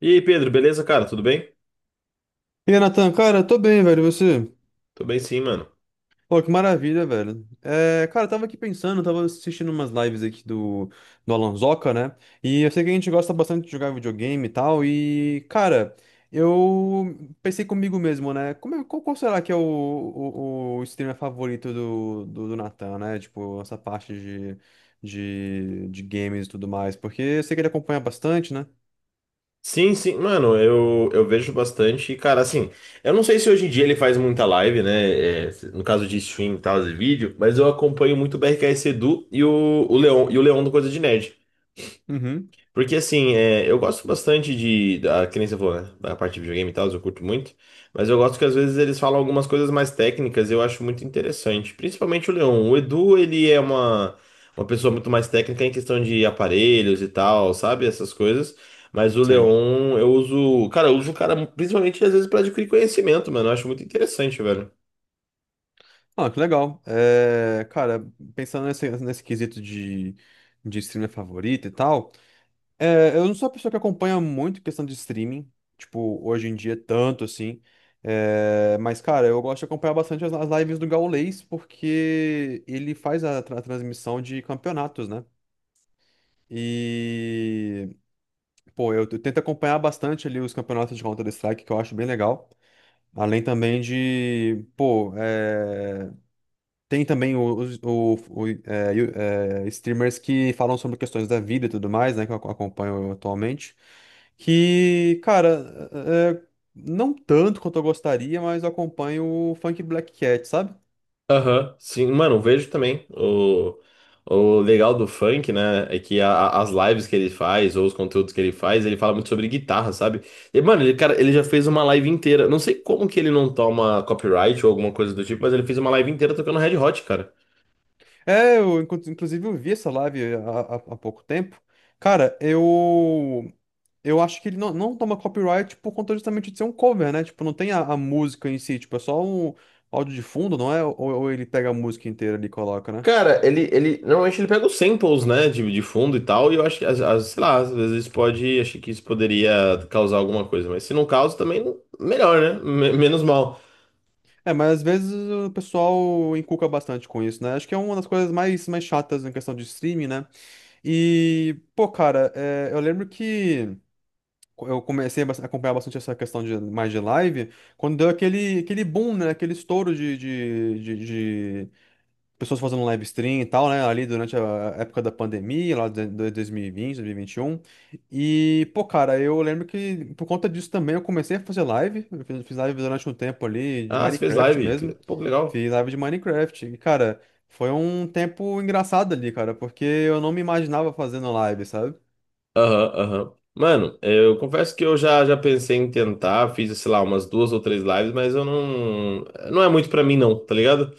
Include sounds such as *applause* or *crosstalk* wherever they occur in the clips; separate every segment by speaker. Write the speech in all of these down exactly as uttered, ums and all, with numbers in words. Speaker 1: E aí, Pedro, beleza, cara? Tudo bem?
Speaker 2: E aí, Nathan, cara, tô bem, velho, e você?
Speaker 1: Tô bem sim, mano.
Speaker 2: Pô, que maravilha, velho. É, cara, eu tava aqui pensando, eu tava assistindo umas lives aqui do, do Alanzoca, né? E eu sei que a gente gosta bastante de jogar videogame e tal, e, cara, eu pensei comigo mesmo, né? Como é- qual, qual será que é o, o, o streamer favorito do, do, do Nathan, né? Tipo, essa parte de, de, de games e tudo mais, porque eu sei que ele acompanha bastante, né?
Speaker 1: Sim, sim, mano, eu, eu vejo bastante. E, cara, assim, eu não sei se hoje em dia ele faz muita live, né? É, no caso de stream e tal, de vídeo, mas eu acompanho muito o B R K S Edu e o, o Leon, e o Leon do Coisa de Nerd.
Speaker 2: Uhum,
Speaker 1: Porque assim, é, eu gosto bastante de. Da, que nem você falou, né? Da parte de videogame e tal, eu curto muito. Mas eu gosto que às vezes eles falam algumas coisas mais técnicas e eu acho muito interessante. Principalmente o Leon. O Edu, ele é uma, uma pessoa muito mais técnica em questão de aparelhos e tal, sabe? Essas coisas. Mas o
Speaker 2: sei.
Speaker 1: Leon, eu uso. Cara, eu uso o cara principalmente às vezes pra adquirir conhecimento, mano. Eu acho muito interessante, velho.
Speaker 2: Ah, que legal. É, cara, pensando nesse, nesse quesito de, de streamer favorito e tal, é, eu não sou uma pessoa que acompanha muito questão de streaming, tipo, hoje em dia tanto assim. É, mas, cara, eu gosto de acompanhar bastante as, as lives do Gaulês, porque ele faz a, tra- transmissão de campeonatos, né? E, pô, eu, eu tento acompanhar bastante ali os campeonatos de Counter-Strike, que eu acho bem legal. Além também de, pô, é, tem também os, o, o- é, you- é, streamers que falam sobre questões da vida e tudo mais, né? Que eu ac- acompanho atualmente. Que, cara, é, é, não tanto quanto eu gostaria, mas eu acompanho o Funk Black Cat, sabe?
Speaker 1: Aham, sim, mano, vejo também. O, o legal do funk, né, é que a- a- as lives que ele faz, ou os conteúdos que ele faz, ele fala muito sobre guitarra, sabe? E, mano, ele, cara, ele já fez uma live inteira. Não sei como que ele não toma copyright ou alguma coisa do tipo, mas ele fez uma live inteira tocando Red Hot, cara.
Speaker 2: É, eu inclu- inclusive eu vi essa live há, há- há pouco tempo. Cara, eu. Eu acho que ele não, não toma copyright por conta justamente de ser um cover, né? Tipo, não tem a, a música em si, tipo, é só um áudio de fundo, não é? Ou, ou ele pega a música inteira ali e coloca, né?
Speaker 1: Cara, ele, ele normalmente ele pega os samples, né, de, de fundo e tal, e eu acho que, às, às- sei lá, às vezes pode, acho que isso poderia causar alguma coisa, mas se não causa, também melhor, né? Me- menos mal.
Speaker 2: É, mas às vezes o pessoal encuca bastante com isso, né? Acho que é uma das coisas mais, mais chatas em questão de streaming, né? E, pô, cara, é, eu lembro que eu comecei a bas- acompanhar bastante essa questão de mais de live, quando deu aquele, aquele boom, né? Aquele estouro de, de, de, pessoas fazendo live stream e tal, né? Ali durante a época da pandemia, lá de de dois mil e vinte, dois mil e vinte e um. E, vinte, dois mil e vinte e um. E, pô, cara, eu lembro que por conta disso também eu comecei a fazer live. Eu fiz fiz live durante um tempo ali de
Speaker 1: Ah, você fez
Speaker 2: Minecraft
Speaker 1: live, que-
Speaker 2: mesmo.
Speaker 1: pô, que legal.
Speaker 2: Fiz live de Minecraft. E, cara, foi um tempo engraçado ali, cara, porque eu não me imaginava fazendo live, sabe?
Speaker 1: Aham, aham. Mano, eu confesso que eu já, já pensei em tentar, fiz, sei lá, umas duas ou três lives, mas eu não. Não é muito pra mim, não, tá ligado?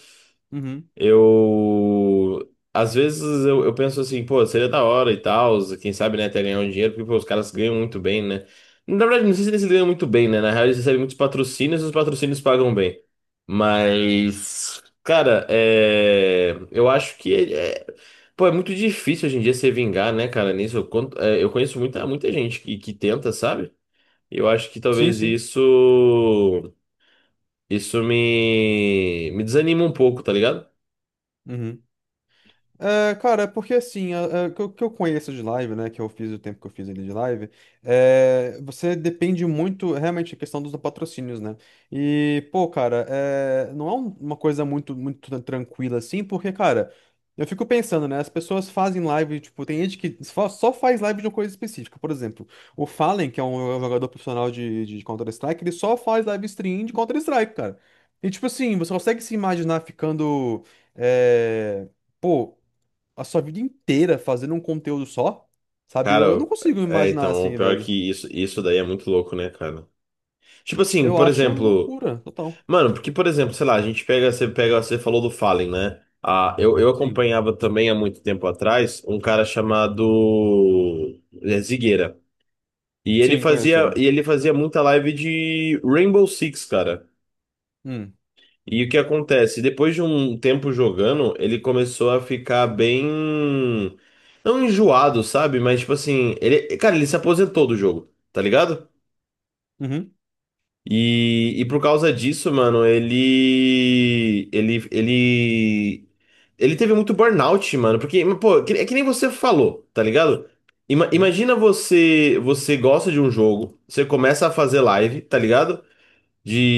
Speaker 2: Uhum.
Speaker 1: Eu. Às vezes eu, eu penso assim, pô, seria da hora e tal, quem sabe, né, até ganhar um dinheiro, porque pô, os caras ganham muito bem, né? Na verdade, não sei se eles ganham muito bem, né? Na real, eles recebem muitos patrocínios e os patrocínios pagam bem. Mas, cara, é eu acho que é é- pô, é muito difícil hoje em dia se vingar, né, cara? Nisso eu, conto- é, eu conheço muita, muita gente que, que tenta, sabe? Eu acho que
Speaker 2: Sim,
Speaker 1: talvez
Speaker 2: sim.
Speaker 1: isso. Isso me, me desanima um pouco, tá ligado?
Speaker 2: Uhum. É, cara, é porque assim, a- a- o que eu que eu conheço de live, né, que eu fiz o tempo que eu fiz ali de live, é, você depende muito, realmente, da questão dos patrocínios, né? E, pô, cara, é, não é um- uma coisa muito, muito tran- tranquila assim, porque, cara, eu fico pensando, né, as pessoas fazem live, tipo, tem gente que só, só faz live de uma coisa específica, por exemplo, o Fallen, que é um é um jogador profissional de, de Counter-Strike, ele só faz live stream de Counter-Strike, cara. E, tipo assim, você consegue se imaginar ficando, é, pô, a sua vida inteira fazendo um conteúdo só, sabe?
Speaker 1: Cara,
Speaker 2: Eu, eu não consigo me
Speaker 1: é,
Speaker 2: imaginar
Speaker 1: então, o
Speaker 2: assim,
Speaker 1: pior é
Speaker 2: velho.
Speaker 1: que isso, isso daí é muito louco, né, cara? Tipo assim,
Speaker 2: Eu
Speaker 1: por
Speaker 2: acho
Speaker 1: exemplo,
Speaker 2: loucura, total.
Speaker 1: mano, porque, por exemplo, sei lá, a gente pega, você pega, você falou do Fallen, né? Ah, eu, eu
Speaker 2: Sim.
Speaker 1: acompanhava também há muito tempo atrás um cara chamado é, Zigueira. E ele
Speaker 2: Sim, conheço
Speaker 1: fazia,
Speaker 2: ele.
Speaker 1: e ele fazia muita live de Rainbow Six, cara.
Speaker 2: Hum.
Speaker 1: E o que acontece? Depois de um tempo jogando, ele começou a ficar bem. Não enjoado, sabe? Mas tipo assim, ele. Cara, ele se aposentou do jogo, tá ligado?
Speaker 2: Uhum.
Speaker 1: E, e por causa disso, mano, ele. Ele. Ele. Ele teve muito burnout, mano. Porque, pô, que- é que nem você falou, tá ligado? Ima-
Speaker 2: Uhum.
Speaker 1: imagina você. Você gosta de um jogo, você começa a fazer live, tá ligado?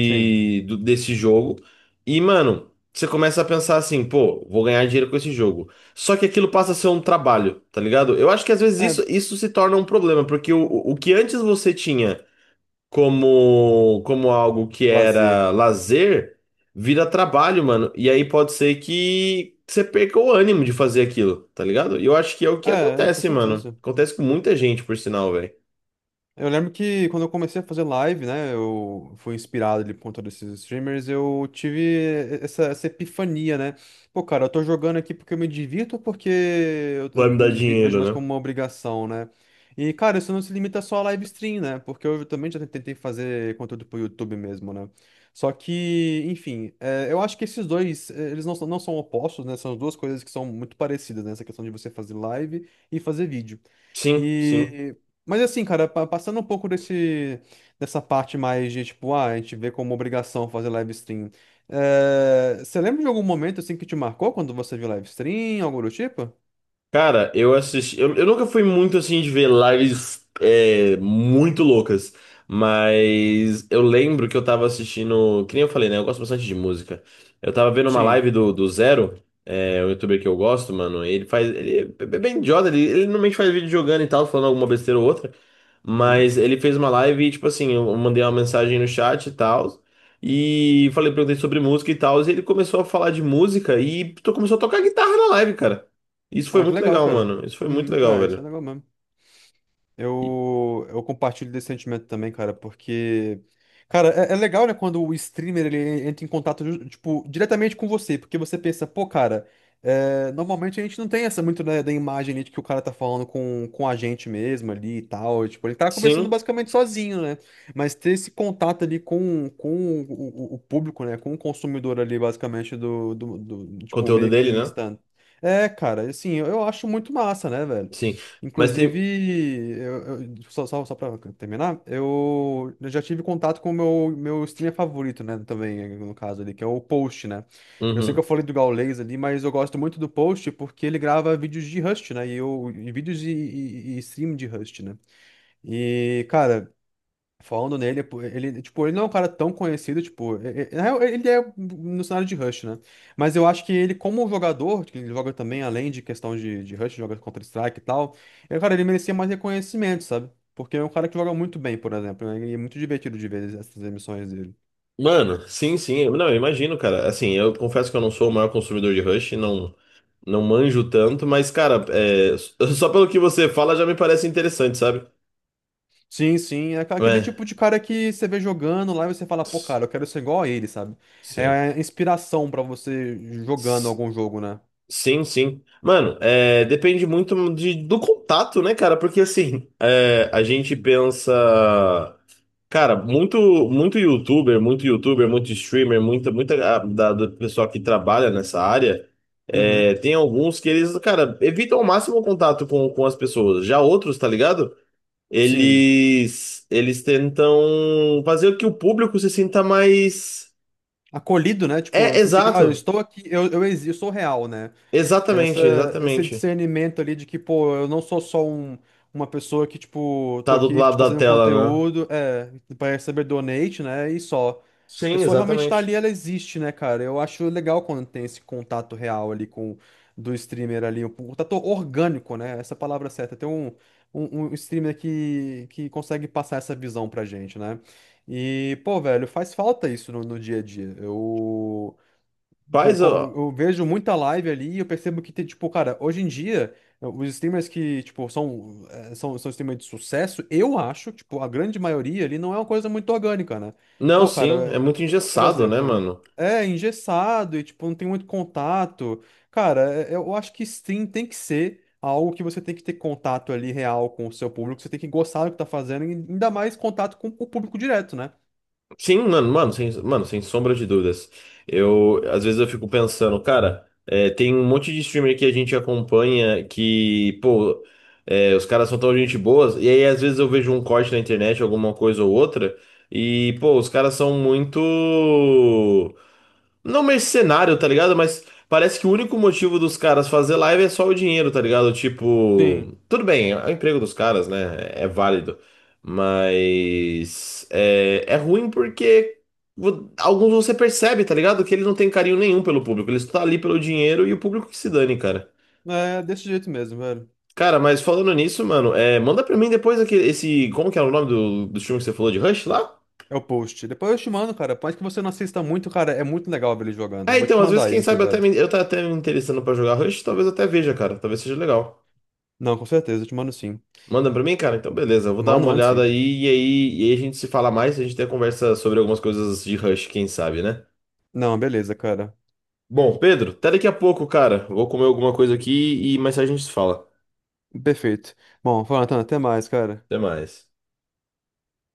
Speaker 2: Sim.
Speaker 1: do- Desse jogo. E, mano, você começa a pensar assim, pô, vou ganhar dinheiro com esse jogo. Só que aquilo passa a ser um trabalho, tá ligado? Eu acho que às vezes
Speaker 2: É,
Speaker 1: isso, isso se torna um problema, porque o, o que antes você tinha como, como algo que
Speaker 2: lazer.
Speaker 1: era lazer, vira trabalho, mano. E aí pode ser que você perca o ânimo de fazer aquilo, tá ligado? E eu acho que é o que
Speaker 2: É, é, com
Speaker 1: acontece, mano.
Speaker 2: certeza.
Speaker 1: Acontece com muita gente, por sinal, velho.
Speaker 2: Eu lembro que quando eu comecei a fazer live, né, eu fui inspirado ali por conta desses streamers, eu tive essa, essa epifania, né? Pô, cara, eu tô jogando aqui porque eu me divirto ou porque eu, eu
Speaker 1: Vai me dar
Speaker 2: me vi- vejo
Speaker 1: dinheiro,
Speaker 2: mais
Speaker 1: né?
Speaker 2: como uma obrigação, né? E, cara, isso não se limita só a live stream, né? Porque eu também já tentei fazer conteúdo pro YouTube mesmo, né? Só que, enfim, é, eu acho que esses dois, é, eles não, são- não são opostos, né? São duas coisas que são muito parecidas, né? Essa questão de você fazer live e fazer vídeo.
Speaker 1: Sim, sim.
Speaker 2: E mas assim, cara, pa- passando um pouco desse, dessa parte mais de, tipo, ah, a gente vê como obrigação fazer live stream. Eh, você lembra de algum momento, assim, que te marcou quando você viu live stream, algo do tipo?
Speaker 1: Cara, eu assisti. Eu, eu nunca fui muito assim de ver lives é, muito loucas, mas eu lembro que eu tava assistindo. Que nem eu falei, né? Eu gosto bastante de música. Eu tava vendo uma
Speaker 2: Sim.
Speaker 1: live do, do Zero, é, um youtuber que eu gosto, mano. Ele faz. Ele é bem idiota, ele, ele normalmente faz vídeo jogando e tal, falando alguma besteira ou outra.
Speaker 2: Uhum.
Speaker 1: Mas ele fez uma live e, tipo assim, eu mandei uma mensagem no chat e tal. E falei, perguntei sobre música e tal. E ele começou a falar de música e to- começou a tocar guitarra na live, cara. Isso foi
Speaker 2: Ah, que
Speaker 1: muito
Speaker 2: legal,
Speaker 1: legal,
Speaker 2: cara.
Speaker 1: mano. Isso foi muito
Speaker 2: Uhum.
Speaker 1: legal,
Speaker 2: Ah, isso é
Speaker 1: velho.
Speaker 2: legal mesmo.
Speaker 1: E-
Speaker 2: Eu, eu compartilho desse sentimento também, cara, porque. Cara, é, é legal, né, quando o streamer ele entra em contato, ju- tipo, diretamente com você, porque você pensa, pô, cara, é, normalmente a gente não tem essa muito da, da imagem ali de que o cara tá falando com, com a gente mesmo ali e tal. Tipo, ele tá conversando
Speaker 1: Sim,
Speaker 2: basicamente sozinho, né? Mas ter esse contato ali com, com o, o- o público, né, com o consumidor ali, basicamente, do, do, do- tipo,
Speaker 1: conteúdo
Speaker 2: meio que
Speaker 1: dele, né?
Speaker 2: instant. É, cara, assim, eu eu acho muito massa, né, velho?
Speaker 1: Sim. Mas
Speaker 2: Inclusive,
Speaker 1: tem.
Speaker 2: eu, eu- só, só, só pra terminar, eu já tive contato com o meu, meu streamer favorito, né? Também, no caso ali, que é o Post, né? Eu sei que eu
Speaker 1: Uhum.
Speaker 2: falei do Gaules ali, mas eu gosto muito do Post porque ele grava vídeos de Rust, né? E, eu, e vídeos e, e, e stream de Rust, né? E, cara, falando nele, pô, ele, tipo, ele não é um cara tão conhecido, tipo, e- e- na real, ele é no cenário de Rush, né? Mas eu acho que ele, como jogador, que ele joga também, além de questão de, de Rush, joga Counter-Strike e tal, eu, cara, ele merecia mais reconhecimento, sabe? Porque é um cara que joga muito bem, por exemplo, né? E é muito divertido de ver essas emissões dele.
Speaker 1: Mano, sim, sim. Eu- Não, eu imagino, cara. Assim, eu confesso que eu não sou o maior consumidor de Rush, não, não manjo tanto, mas, cara, é s- *laughs* só pelo que você fala já me parece interessante, sabe?
Speaker 2: Sim, sim, é aquele
Speaker 1: É.
Speaker 2: tipo de cara que você vê jogando lá e você fala, pô,
Speaker 1: S-
Speaker 2: cara, eu quero ser igual a ele, sabe? É
Speaker 1: Sim.
Speaker 2: a inspiração pra você jogando
Speaker 1: S-
Speaker 2: algum jogo, né?
Speaker 1: Sim, sim. Mano, é, depende muito de- do contato, né, cara? Porque assim, é, a gente
Speaker 2: Hum.
Speaker 1: pensa. Cara, muito, muito YouTuber, muito YouTuber, muito streamer, muita, muita ah, da, do pessoal que trabalha nessa área, é,
Speaker 2: Uhum,
Speaker 1: tem alguns que eles, cara, evitam ao máximo o contato com, com as pessoas. Já outros, tá ligado?
Speaker 2: sim.
Speaker 1: Eles, eles tentam fazer com que o público se sinta mais.
Speaker 2: Acolhido, né? Tipo,
Speaker 1: É,
Speaker 2: eu senti que, ah, eu
Speaker 1: exato.
Speaker 2: estou aqui, eu, eu, exi- eu sou real, né? Essa,
Speaker 1: Exatamente,
Speaker 2: esse
Speaker 1: exatamente.
Speaker 2: discernimento ali de que, pô, eu não sou só um, uma pessoa que, tipo, tô
Speaker 1: Tá do outro
Speaker 2: aqui te
Speaker 1: lado da
Speaker 2: fazendo
Speaker 1: tela, né?
Speaker 2: conteúdo, é, pra receber donate, né, e só. A
Speaker 1: Sim,
Speaker 2: pessoa realmente tá ali,
Speaker 1: exatamente.
Speaker 2: ela existe, né, cara? Eu acho legal quando tem esse contato real ali com do streamer ali, um contato orgânico, né? Essa é a palavra certa. Tem um, um, um streamer que, que consegue passar essa visão pra gente, né? E, pô, velho, faz falta isso no, no dia a dia. Eu co-
Speaker 1: Faz,
Speaker 2: co-
Speaker 1: ó.
Speaker 2: Eu vejo muita live ali e eu percebo que tem, tipo, cara, hoje em dia, os streamers que, tipo, são, eh, são, são streamers de sucesso, eu acho, tipo, a grande maioria ali não é uma coisa muito orgânica, né?
Speaker 1: Não,
Speaker 2: Pô, cara,
Speaker 1: sim, é
Speaker 2: eh,
Speaker 1: muito
Speaker 2: por
Speaker 1: engessado, né,
Speaker 2: exemplo,
Speaker 1: mano?
Speaker 2: é engessado e, tipo, não tem muito contato. Cara, eh, eu acho que stream tem que ser algo que você tem que ter contato ali real com o seu público, você tem que gostar do que tá fazendo, e ainda mais contato com o público direto, né?
Speaker 1: Sim, mano, mano, sem, mano, sem sombra de dúvidas. Eu, às vezes eu fico pensando, cara, é, tem um monte de streamer que a gente acompanha que, pô, é, os caras são tão gente boas, e aí às vezes eu vejo um corte na internet, alguma coisa ou outra, e, pô, os caras são muito. Não mercenário, tá ligado? Mas parece que o único motivo dos caras fazer live é só o dinheiro, tá ligado?
Speaker 2: Sim,
Speaker 1: Tipo, tudo bem, é o emprego dos caras, né? É válido. Mas é, é ruim porque vo- alguns você percebe, tá ligado? Que eles não têm carinho nenhum pelo público. Eles estão ali pelo dinheiro e o público que se dane, cara.
Speaker 2: é desse jeito mesmo, velho.
Speaker 1: Cara, mas falando nisso, mano, é, manda pra mim depois aquele, esse. Como que é o nome do, do filme que você falou de Rush lá?
Speaker 2: É o post. Depois eu te mando, cara. Por mais que você não assista muito, cara, é muito legal ver ele jogando. Eu
Speaker 1: Ah,
Speaker 2: vou
Speaker 1: então,
Speaker 2: te
Speaker 1: às vezes,
Speaker 2: mandar aí
Speaker 1: quem
Speaker 2: no
Speaker 1: sabe, até
Speaker 2: privado.
Speaker 1: me, eu tá até me interessando pra jogar Rush, talvez eu até veja, cara. Talvez seja legal.
Speaker 2: Não, com certeza, eu te mando sim.
Speaker 1: Manda pra mim, cara? Então, beleza. Eu vou dar
Speaker 2: Mando,
Speaker 1: uma
Speaker 2: mando
Speaker 1: olhada
Speaker 2: sim.
Speaker 1: aí e aí, e aí a gente se fala mais. A gente tem conversa sobre algumas coisas de Rush, quem sabe, né?
Speaker 2: Não, beleza, cara.
Speaker 1: Bom, Pedro, até daqui a pouco, cara. Vou comer alguma coisa aqui e mais tarde a gente se fala.
Speaker 2: Perfeito. Bom, Jonathan, até mais, cara.
Speaker 1: Até mais.